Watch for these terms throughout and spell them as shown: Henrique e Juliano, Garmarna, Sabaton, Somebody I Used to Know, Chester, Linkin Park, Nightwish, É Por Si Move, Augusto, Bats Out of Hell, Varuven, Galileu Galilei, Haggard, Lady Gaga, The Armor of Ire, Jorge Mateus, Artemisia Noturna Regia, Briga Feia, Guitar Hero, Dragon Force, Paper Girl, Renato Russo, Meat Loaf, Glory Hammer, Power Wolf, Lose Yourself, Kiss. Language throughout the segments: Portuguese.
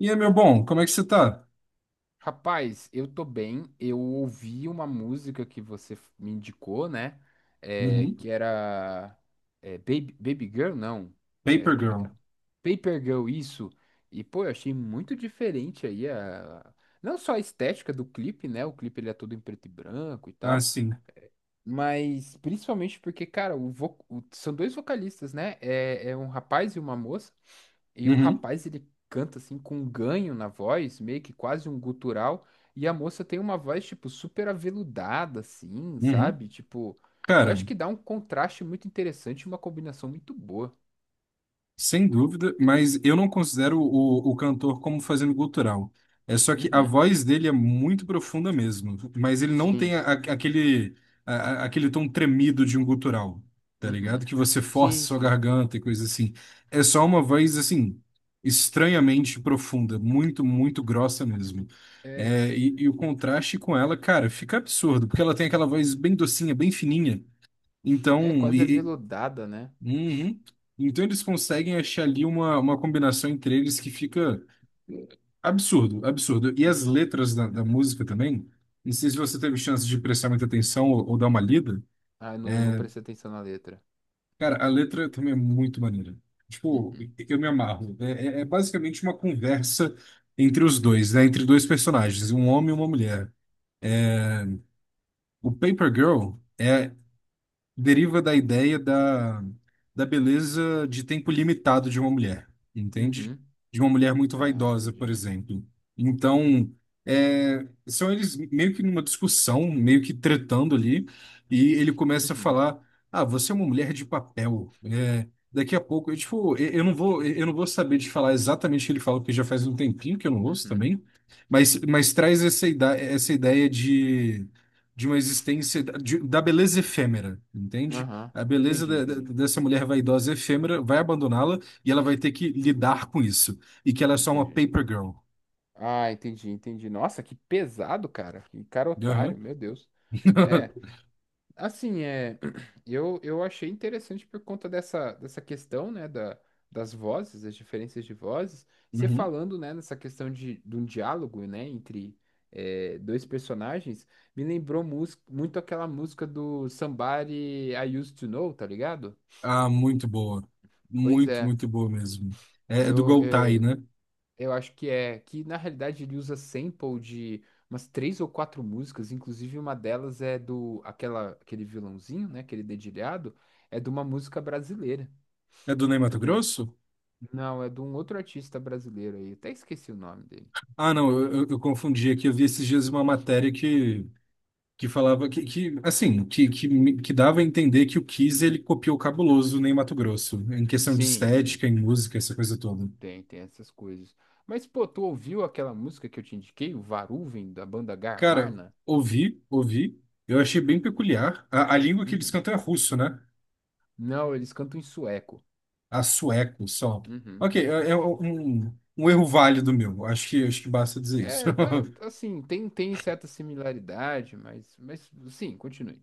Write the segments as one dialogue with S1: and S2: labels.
S1: E aí, meu bom, como é que você tá?
S2: Rapaz, eu tô bem. Eu ouvi uma música que você me indicou, né? É,
S1: Uhum.
S2: que era Baby, Baby Girl, não. É,
S1: Paper
S2: como é que
S1: Girl.
S2: era? Paper Girl, isso. E, pô, eu achei muito diferente aí a... Não só a estética do clipe, né? O clipe ele é todo em preto e branco e
S1: Ah,
S2: tal.
S1: sim.
S2: Mas principalmente porque, cara, são dois vocalistas, né? É, é um rapaz e uma moça. E o
S1: Uhum.
S2: rapaz, ele canta assim com um ganho na voz, meio que quase um gutural. E a moça tem uma voz, tipo, super aveludada, assim,
S1: Uhum.
S2: sabe? Tipo, eu
S1: Cara,
S2: acho que dá um contraste muito interessante, uma combinação muito boa.
S1: sem dúvida, mas eu não considero o cantor como fazendo gutural. É só que a
S2: Uhum.
S1: voz dele é muito profunda mesmo, mas ele não tem
S2: Sim.
S1: aquele, a- aquele tom tremido de um gutural, tá ligado?
S2: Uhum.
S1: Que você força
S2: Sim,
S1: sua
S2: sim.
S1: garganta e coisa assim. É só uma voz, assim, estranhamente profunda, muito, muito grossa mesmo.
S2: É,
S1: É, e o contraste com ela, cara, fica absurdo, porque ela tem aquela voz bem docinha, bem fininha.
S2: é
S1: Então,
S2: quase aveludada, né?
S1: uhum. Então eles conseguem achar ali uma combinação entre eles que fica eh, absurdo, absurdo. E as
S2: Uhum.
S1: letras da música também, não sei se você teve chance de prestar muita atenção ou dar uma lida.
S2: Ah, eu não, não prestei atenção na letra.
S1: Cara, a letra também é muito maneira. Tipo,
S2: Uhum.
S1: eu me amarro. É basicamente uma conversa entre os dois, né? Entre dois personagens, um homem e uma mulher. O Paper Girl é deriva da ideia da, da beleza de tempo limitado de uma mulher, entende?
S2: Uhum.
S1: De uma mulher muito
S2: Ah,
S1: vaidosa, por
S2: entendi.
S1: exemplo. Então, é, são eles meio que numa discussão, meio que tretando ali, e ele começa a
S2: Uhum,
S1: falar: Ah, você é uma mulher de papel. É, daqui a pouco, eu, tipo, eu não vou, eu não vou saber te falar exatamente o que ele fala, porque já faz um tempinho que eu não ouço
S2: uhum,
S1: também, mas traz essa ideia de uma existência de- da beleza efêmera, entende?
S2: aham.
S1: A beleza
S2: Entendi,
S1: da- da-
S2: entendi,
S1: dessa mulher vaidosa efêmera vai abandoná-la e ela vai ter que lidar com isso. E que ela é só uma
S2: entendi.
S1: paper girl.
S2: Ah, entendi, entendi. Nossa, que pesado, cara. Que cara
S1: Aham.
S2: otário, meu Deus. É, assim, é, eu achei interessante por conta dessa, dessa questão, né, da, das vozes, das diferenças de vozes. Você
S1: Uhum.
S2: falando, né, nessa questão de um diálogo, né, entre é, dois personagens, me lembrou muito aquela música do Somebody I Used to Know, tá ligado?
S1: Ah, muito boa.
S2: Pois
S1: Muito,
S2: é.
S1: muito boa mesmo. É, é do
S2: Eu,
S1: Goltai,
S2: eh,
S1: né?
S2: Eu acho que é que na realidade ele usa sample de umas três ou quatro músicas, inclusive uma delas é do aquela aquele vilãozinho, né, aquele dedilhado, é de uma música brasileira.
S1: É do Ney
S2: É de um,
S1: Matogrosso?
S2: não, é de um outro artista brasileiro aí, até esqueci o nome dele.
S1: Ah, não, eu confundi aqui. Eu vi esses dias uma matéria que falava que assim, que, que dava a entender que o Kiss ele copiou o Cabuloso nem Mato Grosso, em questão de
S2: Sim, sim,
S1: estética, em música, essa coisa toda.
S2: tem essas coisas. Mas pô, tu ouviu aquela música que eu te indiquei, o Varuven da banda
S1: Cara,
S2: Garmarna?
S1: ouvi, ouvi, eu achei bem peculiar. A língua que eles
S2: Uhum.
S1: cantam é russo, né?
S2: Não, eles cantam em sueco.
S1: A sueco só.
S2: Uhum.
S1: Ok, é, é um, um erro válido meu, acho que basta dizer isso.
S2: É, tá, assim, tem, tem certa similaridade, mas sim, continue.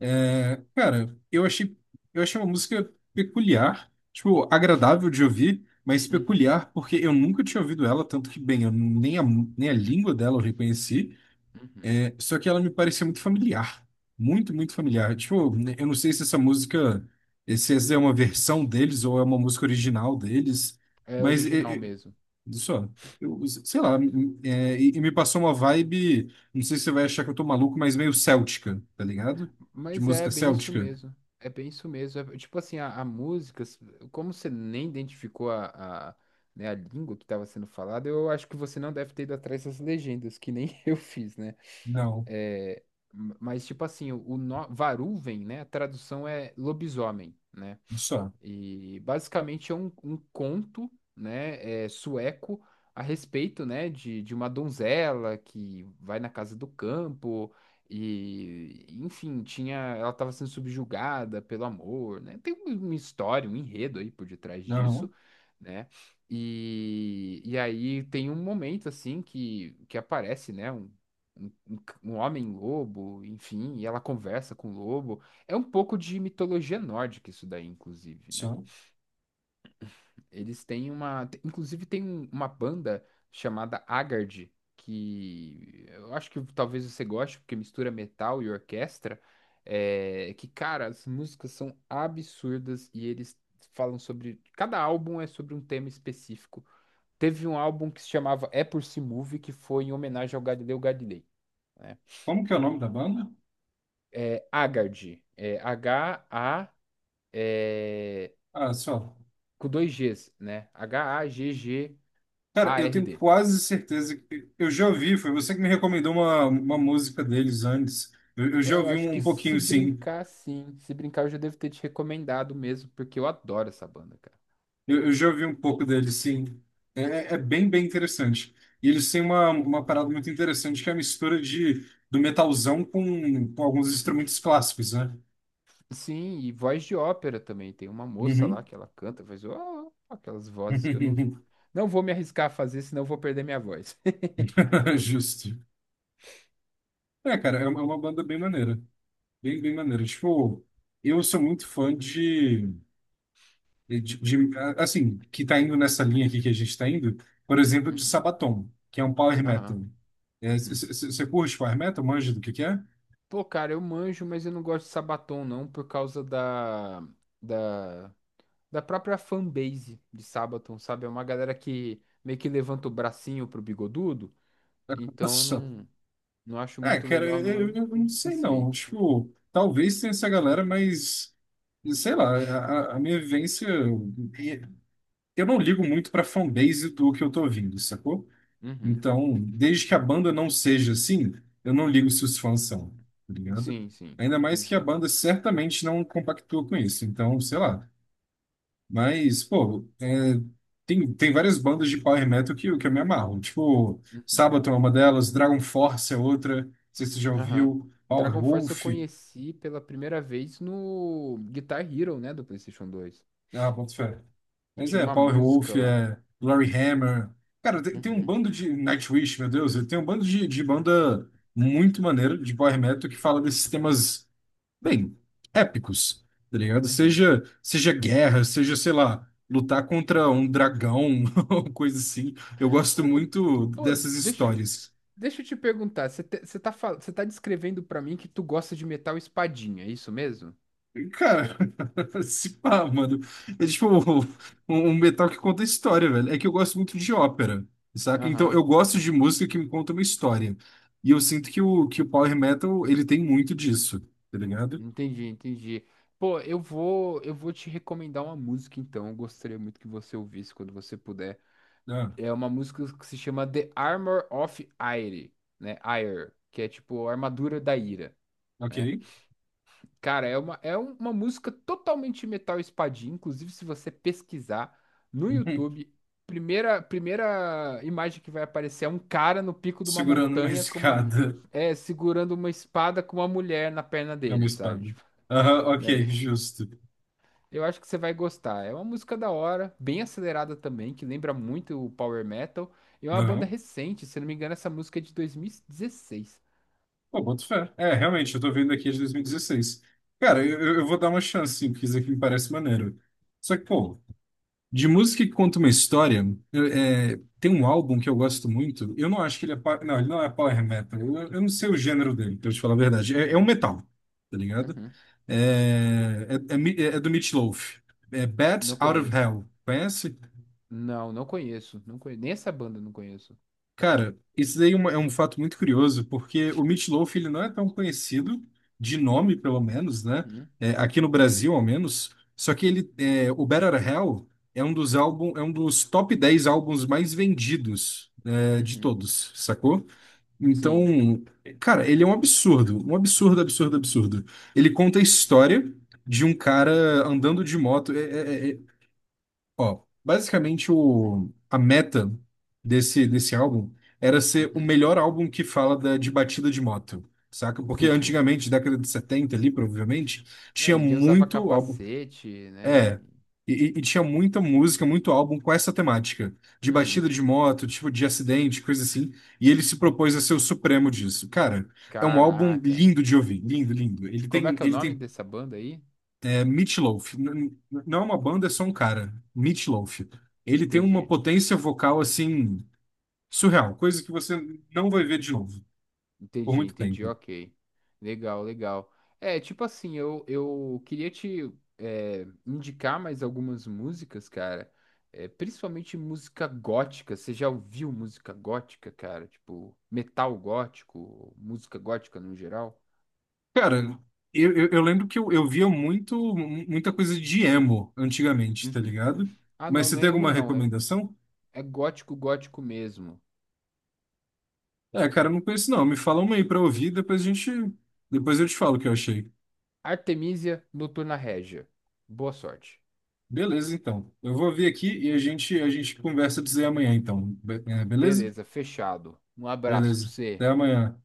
S1: É, cara, eu achei uma música peculiar, tipo, agradável de ouvir, mas
S2: Uhum,
S1: peculiar porque eu nunca tinha ouvido ela, tanto que, bem, eu nem a, nem a língua dela eu reconheci,
S2: uhum.
S1: é, só que ela me parecia muito familiar, muito, muito familiar. Tipo, né, eu não sei se essa música, se essa é uma versão deles ou é uma música original deles,
S2: É
S1: mas
S2: original
S1: é,
S2: mesmo.
S1: só. Eu, sei lá, é, e me passou uma vibe, não sei se você vai achar que eu tô maluco, mas meio céltica, tá ligado? De
S2: Mas é
S1: música
S2: bem isso
S1: céltica.
S2: mesmo. É bem isso mesmo. É, tipo assim, a música, s- como você nem identificou a, né, a língua que estava sendo falada, eu acho que você não deve ter ido atrás das legendas, que nem eu fiz, né?
S1: Não,
S2: É, m- mas, tipo assim, o Varuven, né? A tradução é lobisomem, né?
S1: só.
S2: E basicamente é um, um conto, né, é, sueco a respeito, né, de uma donzela que vai na casa do campo e, enfim, tinha, ela estava sendo subjugada pelo amor, né? Tem uma história, um enredo aí por detrás
S1: Não,
S2: disso, né? E aí tem um momento assim que aparece, né, um, um homem lobo, enfim, e ela conversa com o lobo. É um pouco de mitologia nórdica isso daí, inclusive, né?
S1: só.
S2: Eles têm uma, inclusive tem uma banda chamada Haggard, que eu acho que talvez você goste, porque mistura metal e orquestra, é, que, cara, as músicas são absurdas e eles falam sobre, cada álbum é sobre um tema específico. Teve um álbum que se chamava É Por Si Move, que foi em homenagem ao Galileu Galilei, né?
S1: Como que é o nome da banda?
S2: É Haggard, é H-A
S1: Ah, só.
S2: com dois Gs, né? H-A-G-G-A-R-D.
S1: Cara, eu tenho quase certeza que eu já ouvi, foi você que me recomendou uma música deles antes. Eu já
S2: É, eu
S1: ouvi
S2: acho
S1: um,
S2: que
S1: um
S2: se
S1: pouquinho, sim.
S2: brincar, sim. Se brincar, eu já devo ter te recomendado mesmo, porque eu adoro essa banda, cara.
S1: Eu já ouvi um pouco dele, sim. É bem, bem interessante. E eles têm uma parada muito interessante, que é a mistura de, do metalzão com alguns instrumentos clássicos, né?
S2: Sim, e voz de ópera também. Tem uma moça lá
S1: Uhum.
S2: que ela canta, faz ó, aquelas vozes que eu não, não vou me arriscar a fazer, senão eu vou perder minha voz.
S1: Justo. É, cara, é uma banda bem maneira. Bem, bem maneira. Tipo, eu sou muito fã de, Assim, que tá indo nessa linha aqui que a gente tá indo, por exemplo, de
S2: Uhum,
S1: Sabaton, que é um power
S2: aham,
S1: metal. É,
S2: uhum.
S1: Você curte power metal? Manja do que é?
S2: Pô, cara, eu manjo, mas eu não gosto de Sabaton, não, por causa da, da, da própria fanbase de Sabaton, sabe? É uma galera que meio que levanta o bracinho pro bigodudo, então eu
S1: Nossa.
S2: não, não acho
S1: É,
S2: muito
S1: cara,
S2: legal, não. Aí eu
S1: eu
S2: me
S1: não sei
S2: distanciei.
S1: não. Tipo, talvez tenha essa galera, mas sei lá, a, a minha vivência. Eu não ligo muito pra fanbase do que eu tô ouvindo, sacou?
S2: Uhum.
S1: Então, desde que a banda não seja assim, eu não ligo se os fãs são, tá ligado?
S2: Sim, sim,
S1: Ainda mais que a
S2: entendi.
S1: banda certamente não compactua com isso. Então, sei lá. Mas, pô, é, tem, tem várias bandas de power metal que eu me amarro. Tipo,
S2: Uhum.
S1: Sabaton é uma delas, Dragon Force é outra, não sei se você já
S2: Aham.
S1: ouviu, Power
S2: Dragon Force eu
S1: Wolf.
S2: conheci pela primeira vez no Guitar Hero, né, do PlayStation 2,
S1: Ah, boto fé.
S2: que
S1: Mas
S2: tinha
S1: é,
S2: uma
S1: Power
S2: música
S1: Wolf,
S2: lá.
S1: é Glory Hammer. Cara, tem, tem um
S2: Uhum.
S1: bando de. Nightwish, meu Deus, tem um bando de banda muito maneira de power metal que fala desses temas. Bem, épicos, tá ligado?
S2: Uhum.
S1: Seja, seja guerra, seja, sei lá, lutar contra um dragão, ou coisa assim. Eu gosto
S2: Ô,
S1: muito
S2: pô,
S1: dessas
S2: deixa, eu-
S1: histórias.
S2: deixa eu te perguntar, você tá, você tá descrevendo pra mim que tu gosta de metal espadinha, é isso mesmo?
S1: E, cara, se pá, mano. É tipo um metal que conta história, velho. É que eu gosto muito de ópera, saca? Então
S2: Aham.
S1: eu gosto de música que me conta uma história. E eu sinto que o Power Metal, ele tem muito disso, tá ligado?
S2: Entendi, entendi. Pô, eu vou te recomendar uma música então. Eu gostaria muito que você ouvisse quando você puder.
S1: Ah,
S2: É uma música que se chama The Armor of Ire, né? Ire, que é tipo a armadura da ira, né?
S1: ok.
S2: Cara, é uma, é um, uma música totalmente metal espadinha. Inclusive, se você pesquisar no YouTube, primeira imagem que vai aparecer é um cara no pico de uma
S1: Segurando uma
S2: montanha com uma
S1: escada.
S2: é, segurando uma espada com uma mulher na perna
S1: É uma
S2: dele, sabe?
S1: espada.
S2: Tipo,
S1: Aham, ok,
S2: né?
S1: justo.
S2: Eu acho que você vai gostar. É uma música da hora, bem acelerada também, que lembra muito o Power Metal. E é uma banda
S1: Aham.
S2: recente, se não me engano, essa música é de 2016.
S1: Pô, boto fé. É, realmente, eu tô vendo aqui de 2016. Cara, eu, eu vou dar uma chance, sim, porque isso aqui me parece maneiro. Só que, pô, de música que conta uma história, é, tem um álbum que eu gosto muito. Eu não acho que ele é. Não, ele não é power metal. Eu não sei o gênero dele, pra eu te falar a verdade. É, é um
S2: Uhum,
S1: metal, tá ligado?
S2: uhum,
S1: É do Meat Loaf. É Bats
S2: Não
S1: Out of
S2: conheço.
S1: Hell. Conhece?
S2: Não, não conheço. Não conheço. Nem essa banda eu não conheço.
S1: Cara, isso daí é é um fato muito curioso, porque o Meat Loaf ele não é tão conhecido, de nome pelo menos, né?
S2: Uhum,
S1: É, aqui no Brasil, ao menos. Só que ele, é, o Better Hell é um dos álbum, é um dos top 10 álbuns mais vendidos, é, de
S2: uhum.
S1: todos, sacou?
S2: Sim,
S1: Então, cara, ele é um absurdo, absurdo, absurdo. Ele conta a história de um cara andando de moto. Ó, basicamente o, a meta desse álbum era ser o
S2: uhum,
S1: melhor álbum que fala da, de batida de moto, saca? Porque
S2: Entendi.
S1: antigamente, década de 70 ali, provavelmente,
S2: É,
S1: tinha
S2: ninguém usava
S1: muito álbum.
S2: capacete, né?
S1: É,
S2: E-
S1: e tinha muita música, muito álbum com essa temática, de
S2: uhum.
S1: batida de moto, tipo de acidente, coisa assim. E ele se propôs a ser o supremo disso. Cara, é um álbum
S2: Caraca.
S1: lindo de ouvir, lindo, lindo.
S2: Como é que é o
S1: Ele
S2: nome
S1: tem
S2: dessa banda aí?
S1: é Meatloaf. Não é uma banda, é só um cara. Meatloaf. Ele tem uma
S2: Entendi.
S1: potência vocal assim surreal, coisa que você não vai ver de novo por
S2: Entendi,
S1: muito
S2: entendi,
S1: tempo.
S2: ok. Legal, legal. É, tipo assim, eu queria te é, indicar mais algumas músicas, cara. É, principalmente música gótica. Você já ouviu música gótica, cara? Tipo, metal gótico, música gótica no geral?
S1: Cara, eu lembro que eu via muito muita coisa de emo antigamente, tá
S2: Uhum.
S1: ligado?
S2: Ah,
S1: Mas
S2: não,
S1: você
S2: não é
S1: tem
S2: emo,
S1: alguma
S2: não. É,
S1: recomendação?
S2: é gótico, gótico mesmo.
S1: É, cara, eu não conheço não. Me fala uma aí pra ouvir, depois a gente, depois eu te falo o que eu achei.
S2: Artemisia Noturna Regia. Boa sorte.
S1: Beleza, então. Eu vou ouvir aqui e a gente conversa dizer amanhã, então. Beleza?
S2: Beleza, fechado. Um abraço pra
S1: Beleza.
S2: você.
S1: Até amanhã.